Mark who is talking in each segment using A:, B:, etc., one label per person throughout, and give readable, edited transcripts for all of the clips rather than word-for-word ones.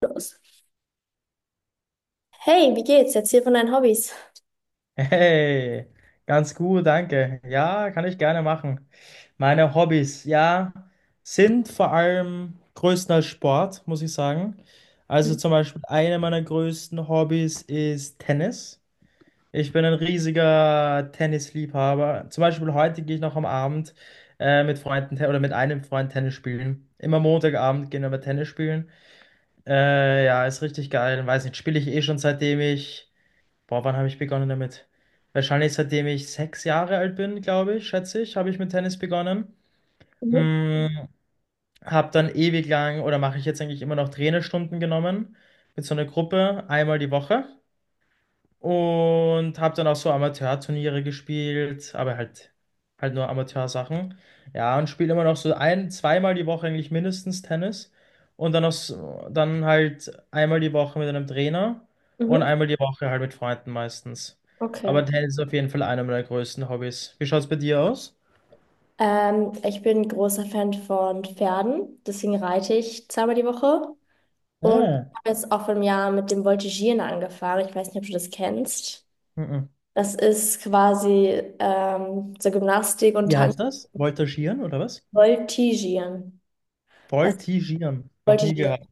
A: Los. Hey, wie geht's? Erzähl von deinen Hobbys.
B: Hey, ganz gut, danke. Ja, kann ich gerne machen. Meine Hobbys, ja, sind vor allem größtenteils Sport, muss ich sagen. Also zum Beispiel eine meiner größten Hobbys ist Tennis. Ich bin ein riesiger Tennisliebhaber. Zum Beispiel heute gehe ich noch am Abend mit Freunden oder mit einem Freund Tennis spielen. Immer Montagabend gehen wir Tennis spielen. Ja, ist richtig geil. Weiß nicht, spiele ich eh schon seitdem ich, Boah, wann habe ich begonnen damit? Wahrscheinlich seitdem ich 6 Jahre alt bin, glaube ich, schätze ich, habe ich mit Tennis begonnen.
A: Mhm.
B: Mm, habe dann ewig lang oder mache ich jetzt eigentlich immer noch Trainerstunden genommen mit so einer Gruppe einmal die Woche. Und habe dann auch so Amateurturniere gespielt, aber halt nur Amateursachen. Ja, und spiele immer noch so ein, zweimal die Woche eigentlich mindestens Tennis. Und dann, noch so, dann halt einmal die Woche mit einem Trainer und
A: Mhm.
B: einmal die Woche halt mit Freunden meistens.
A: Okay.
B: Aber Tennis ist auf jeden Fall einer meiner größten Hobbys. Wie schaut's bei dir aus?
A: Ich bin großer Fan von Pferden, deswegen reite ich zweimal die Woche. Und ich
B: Ah,
A: habe jetzt auch vor einem Jahr mit dem Voltigieren angefangen. Ich weiß nicht, ob du das kennst.
B: mhm.
A: Das ist quasi so Gymnastik und
B: Wie
A: Tanz.
B: heißt das? Voltigieren oder was?
A: Voltigieren. Das
B: Voltigieren. Noch nie
A: Voltigieren.
B: gehört.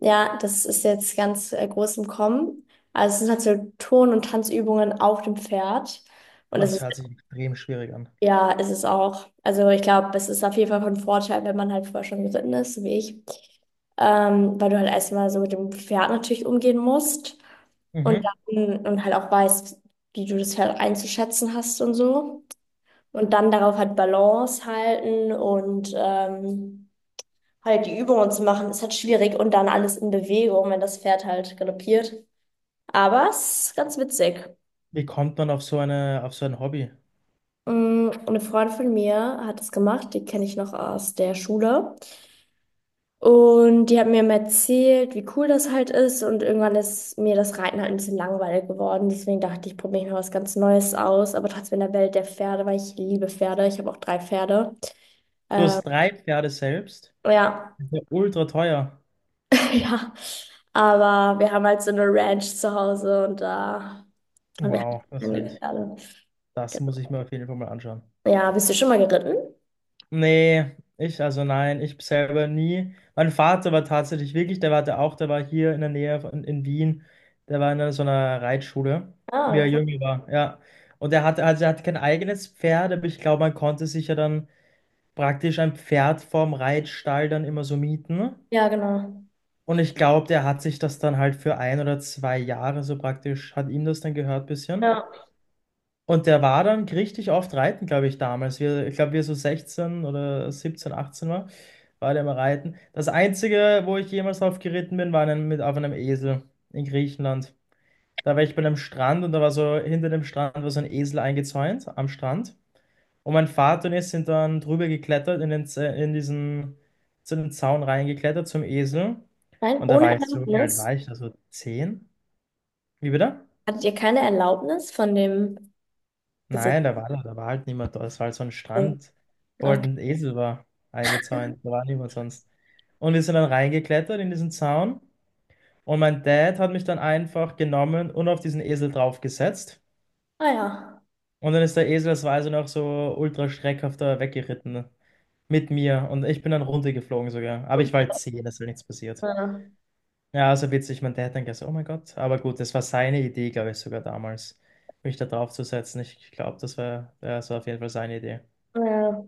A: Ja, das ist jetzt ganz groß im Kommen. Also es sind halt so Turn- und Tanzübungen auf dem Pferd. Und das
B: Das
A: ist.
B: hört sich extrem schwierig an.
A: Ja, ist es auch. Also ich glaube, es ist auf jeden Fall von Vorteil, wenn man halt vorher schon geritten ist, so wie ich. Weil du halt erstmal so mit dem Pferd natürlich umgehen musst und
B: Mhm.
A: dann und halt auch weißt, wie du das Pferd einzuschätzen hast und so. Und dann darauf halt Balance halten und halt die Übungen zu machen, ist halt schwierig und dann alles in Bewegung, wenn das Pferd halt galoppiert. Aber es ist ganz witzig.
B: Wie kommt man auf auf so ein Hobby?
A: Mm, eine Freundin von mir hat es gemacht, die kenne ich noch aus der Schule. Und die haben mir immer erzählt, wie cool das halt ist. Und irgendwann ist mir das Reiten halt ein bisschen langweilig geworden. Deswegen dachte ich, probiere ich mal was ganz Neues aus. Aber trotzdem in der Welt der Pferde, weil ich liebe Pferde. Ich habe auch drei Pferde.
B: Plus
A: Ähm,
B: drei Pferde selbst.
A: ja,
B: Das ist ja ultra teuer.
A: ja. Aber wir haben halt so eine Ranch zu Hause und da haben wir halt
B: Wow. Das ist
A: keine
B: wild.
A: Pferde.
B: Das muss ich
A: Genau.
B: mir auf jeden Fall mal anschauen.
A: Ja, bist du schon mal geritten?
B: Nee, ich, also nein, ich selber nie. Mein Vater war tatsächlich wirklich, der war hier in der Nähe von, in Wien. Der war in einer, so einer Reitschule, wie er
A: Ah, cool.
B: jünger war, ja. Und er hatte, also er hatte kein eigenes Pferd, aber ich glaube, man konnte sich ja dann praktisch ein Pferd vorm Reitstall dann immer so mieten.
A: Ja, genau.
B: Und ich glaube, der hat sich das dann halt für ein oder zwei Jahre so praktisch, hat ihm das dann gehört, bisschen.
A: Ja.
B: Und der war dann richtig oft reiten, glaube ich, damals. Wir, ich glaube, wir so 16 oder 17, 18 war, war der mal reiten. Das Einzige, wo ich jemals drauf geritten bin, war auf einem Esel in Griechenland. Da war ich bei einem Strand und da war so, hinter dem Strand war so ein Esel eingezäunt am Strand. Und mein Vater und ich sind dann drüber geklettert, in diesen, zu dem Zaun reingeklettert zum Esel.
A: Nein,
B: Und da
A: ohne
B: war ich so, wie alt
A: Erlaubnis?
B: war ich da? So 10. Wie bitte?
A: Hattet ihr keine Erlaubnis von dem Besitzer?
B: Nein, da war halt niemand da. Es war halt so ein
A: Okay.
B: Strand, wo halt ein Esel war eingezäunt. Da war niemand sonst. Und wir sind dann reingeklettert in diesen Zaun. Und mein Dad hat mich dann einfach genommen und auf diesen Esel draufgesetzt.
A: Ah ja.
B: Und dann ist der Esel, das war also noch so ultra schreckhafter weggeritten mit mir. Und ich bin dann runtergeflogen sogar. Aber ich war halt 10, es ist halt nichts passiert.
A: Ja,
B: Ja, also witzig. Mein Dad dann gesagt, oh mein Gott. Aber gut, das war seine Idee, glaube ich, sogar damals, mich da draufzusetzen. Ich glaube, das war, ja, das war auf jeden Fall seine Idee.
A: ja,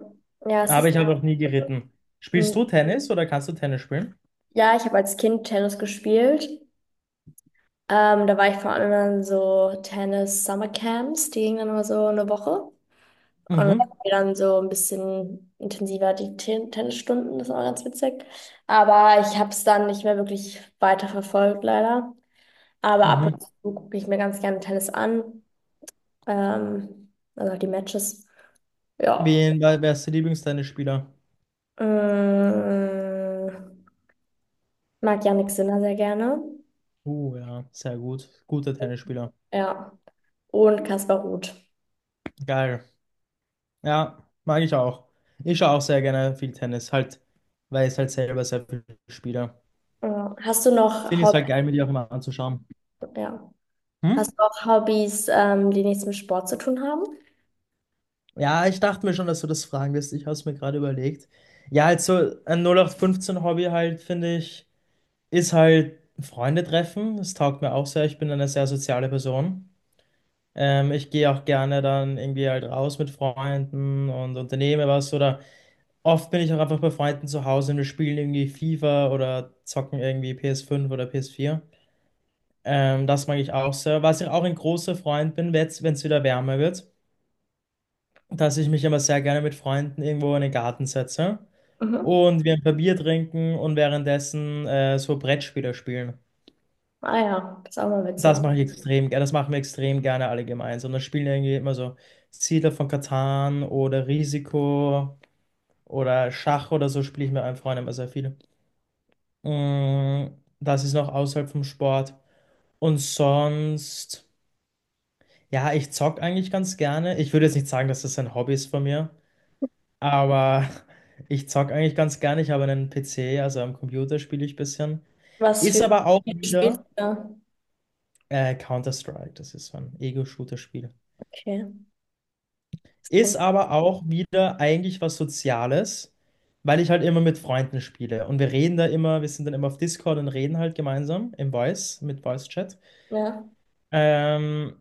A: ja, es
B: Aber
A: ist,
B: ich habe noch nie geritten. Spielst du Tennis oder kannst du Tennis spielen?
A: ja, ich habe als Kind Tennis gespielt. Da war ich vor allem an so Tennis-Summer-Camps, die gingen dann immer so eine Woche. Und dann
B: Mhm.
A: hatten wir dann so ein bisschen intensiver die Tennisstunden, das war ganz witzig. Aber ich habe es dann nicht mehr wirklich weiter verfolgt, leider. Aber ab
B: Mhm.
A: und zu gucke ich mir ganz gerne Tennis an. Also die Matches. Ja.
B: Wer ist der Lieblingstennisspieler?
A: Mm, mag Jannik Sinner sehr gerne.
B: Ja, sehr gut. Guter Tennisspieler.
A: Ja. Und Kaspar Ruth.
B: Geil. Ja, mag ich auch. Ich schaue auch sehr gerne viel Tennis, halt, weil ich halt selber sehr viel spiele.
A: Ja. Hast du noch
B: Finde ich es
A: Hob
B: halt geil, mir die auch immer anzuschauen.
A: Ja.
B: Hm?
A: Hast du auch Hobbys, die nichts mit Sport zu tun haben?
B: Ja, ich dachte mir schon, dass du das fragen wirst. Ich habe es mir gerade überlegt. Ja, halt so ein 0815-Hobby halt, finde ich, ist halt Freunde treffen. Das taugt mir auch sehr. Ich bin eine sehr soziale Person. Ich gehe auch gerne dann irgendwie halt raus mit Freunden und unternehme was. Oder oft bin ich auch einfach bei Freunden zu Hause und wir spielen irgendwie FIFA oder zocken irgendwie PS5 oder PS4. Das mag ich auch sehr. Was ich auch ein großer Freund bin, wenn es wieder wärmer wird, dass ich mich immer sehr gerne mit Freunden irgendwo in den Garten setze
A: Mhm.
B: und wir ein paar Bier trinken und währenddessen so Brettspiele spielen.
A: Ah ja, das ist auch mal
B: Das
A: witzig.
B: mache ich extrem gerne. Das machen wir extrem gerne alle gemeinsam. Da spielen irgendwie immer so Siedler von Catan oder Risiko oder Schach oder so spiele ich mit meinen Freunden immer sehr viel. Mm, Das ist noch außerhalb vom Sport. Und sonst, ja, ich zock eigentlich ganz gerne. Ich würde jetzt nicht sagen, dass das ein Hobby ist von mir, aber ich zock eigentlich ganz gerne. Ich habe einen PC, also am Computer spiele ich ein bisschen.
A: Was
B: Ist
A: für
B: aber auch
A: Spiele spielst du
B: wieder
A: da?
B: Counter-Strike. Das ist so ein Ego-Shooter-Spiel.
A: Okay, das
B: Ist
A: kennt,
B: aber auch wieder eigentlich was Soziales, weil ich halt immer mit Freunden spiele. Und wir reden da immer, wir sind dann immer auf Discord und reden halt gemeinsam im Voice, mit Voice-Chat.
A: ja.
B: Ähm,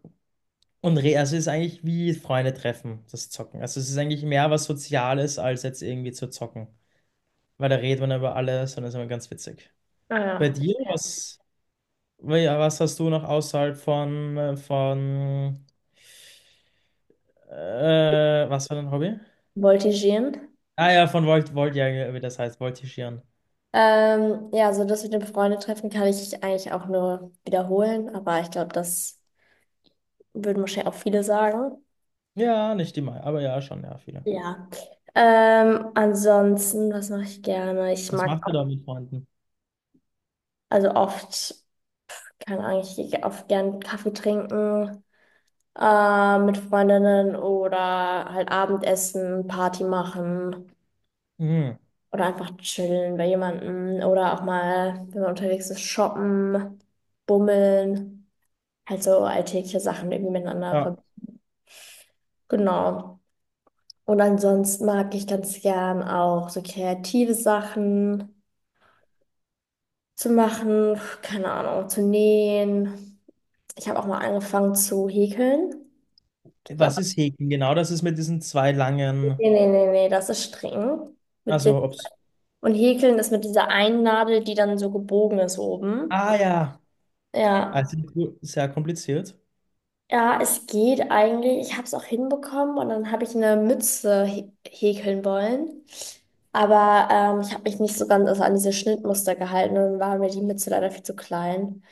B: und re also es ist eigentlich wie Freunde treffen, das Zocken. Also es ist eigentlich mehr was Soziales, als jetzt irgendwie zu zocken. Weil da redet man über alles und das ist immer ganz witzig.
A: Ah
B: Bei dir,
A: ja. Ja.
B: was, ja, was hast du noch außerhalb von was war dein Hobby?
A: Voltigieren.
B: Ah ja, von ja, wie das heißt, voltigieren.
A: Ja, also das mit dem Freundetreffen kann ich eigentlich auch nur wiederholen, aber ich glaube, das würden wahrscheinlich auch viele sagen.
B: Ja, nicht immer, aber ja, schon, ja, viele.
A: Ja. Ansonsten, was mache ich gerne? Ich
B: Was
A: mag
B: macht ihr
A: auch,
B: da mit Freunden?
A: also oft, keine Ahnung, ich gehe oft gern Kaffee trinken mit Freundinnen oder halt Abendessen, Party machen
B: Mhm.
A: oder einfach chillen bei jemandem oder auch mal, wenn man unterwegs ist, shoppen, bummeln, halt so alltägliche Sachen irgendwie miteinander
B: Ja.
A: verbinden. Genau. Und ansonsten mag ich ganz gern auch so kreative Sachen zu machen, keine Ahnung, zu nähen. Ich habe auch mal angefangen zu häkeln. Das.
B: Was ist Häkeln? Genau, das ist mit diesen zwei
A: Nee,
B: langen,
A: nee, nee, nee, das ist streng. Mit Sitz.
B: also ob's.
A: Und Häkeln ist mit dieser einen Nadel, die dann so gebogen ist oben.
B: Ah ja,
A: Ja.
B: sehr kompliziert.
A: Ja, es geht eigentlich. Ich habe es auch hinbekommen und dann habe ich eine Mütze häkeln wollen. Aber ich habe mich nicht so ganz, also an diese Schnittmuster gehalten und dann war mir die Mütze leider viel zu klein.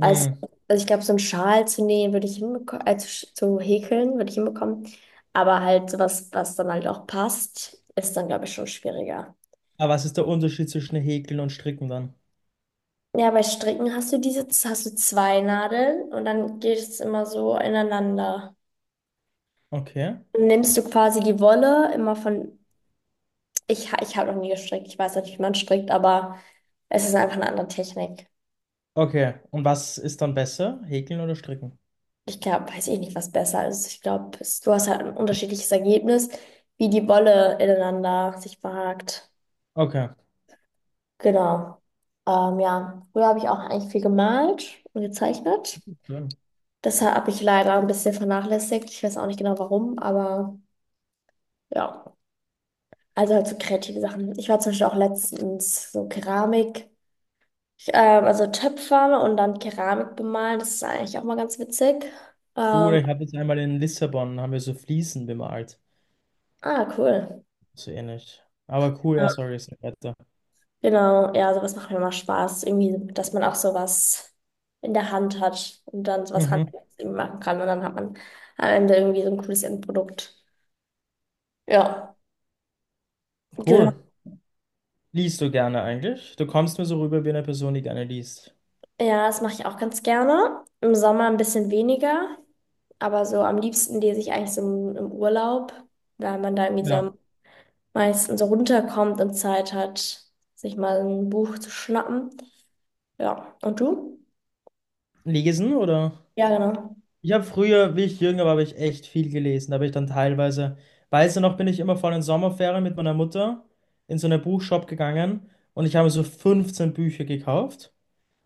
A: Also, also ich glaube, so einen Schal zu nähen würde ich hinbekommen, zu, zu häkeln würde ich hinbekommen. Aber halt sowas, was dann halt auch passt, ist dann, glaube ich, schon schwieriger.
B: Aber was ist der Unterschied zwischen Häkeln und Stricken dann?
A: Ja, bei Stricken hast du diese, hast du zwei Nadeln und dann geht es immer so ineinander.
B: Okay.
A: Dann nimmst du quasi die Wolle immer von, ich habe noch nie gestrickt, ich weiß nicht, wie man strickt, aber es ist einfach eine andere Technik.
B: Okay, und was ist dann besser, Häkeln oder Stricken?
A: Ich glaube, weiß ich nicht, was besser ist. Ich glaube, du hast halt ein unterschiedliches Ergebnis, wie die Wolle ineinander sich verhakt.
B: Okay,
A: Genau. Ja, früher habe ich auch eigentlich viel gemalt und gezeichnet.
B: schön.
A: Das habe ich leider ein bisschen vernachlässigt. Ich weiß auch nicht genau warum, aber ja. Also halt so kreative Sachen. Ich war zum Beispiel auch letztens so Keramik, also Töpfer und dann Keramik bemalen. Das ist eigentlich auch mal ganz witzig.
B: Cool,
A: Ähm,
B: ich habe jetzt einmal in Lissabon, haben wir so Fliesen bemalt.
A: ah, cool.
B: So ähnlich. Aber cool,
A: Ja,
B: ja, sorry, ist nicht weiter.
A: genau, ja, sowas macht mir immer Spaß. Irgendwie, dass man auch sowas in der Hand hat und dann sowas
B: Mhm,
A: Handwerkliches irgendwie machen kann. Und dann hat man am Ende irgendwie so ein cooles Endprodukt. Ja, genau.
B: cool. Liest du gerne eigentlich? Du kommst mir so rüber wie eine Person, die gerne liest.
A: Ja, das mache ich auch ganz gerne. Im Sommer ein bisschen weniger, aber so am liebsten lese ich eigentlich so im Urlaub, weil man da irgendwie so
B: Ja.
A: am meistens so runterkommt und Zeit hat, sich mal ein Buch zu schnappen. Ja, und du?
B: Lesen oder?
A: Ja, genau.
B: Ich habe früher, wie ich jünger war, habe ich echt viel gelesen. Da habe ich dann teilweise, weißt du noch, bin ich immer vor den Sommerferien mit meiner Mutter in so einen Buchshop gegangen und ich habe so 15 Bücher gekauft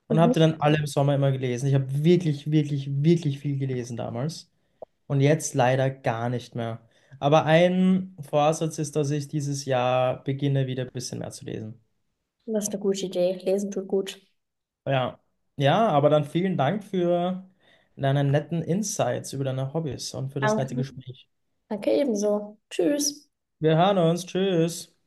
B: und
A: Mhm.
B: habe die dann alle im Sommer immer gelesen. Ich habe wirklich, wirklich, wirklich viel gelesen damals und jetzt leider gar nicht mehr. Aber ein Vorsatz ist, dass ich dieses Jahr beginne, wieder ein bisschen mehr zu lesen.
A: Das ist eine gute Idee. Lesen tut gut.
B: Ja. Ja, aber dann vielen Dank für deine netten Insights über deine Hobbys und für das nette
A: Danke.
B: Gespräch.
A: Danke ebenso. Tschüss.
B: Wir hören uns. Tschüss.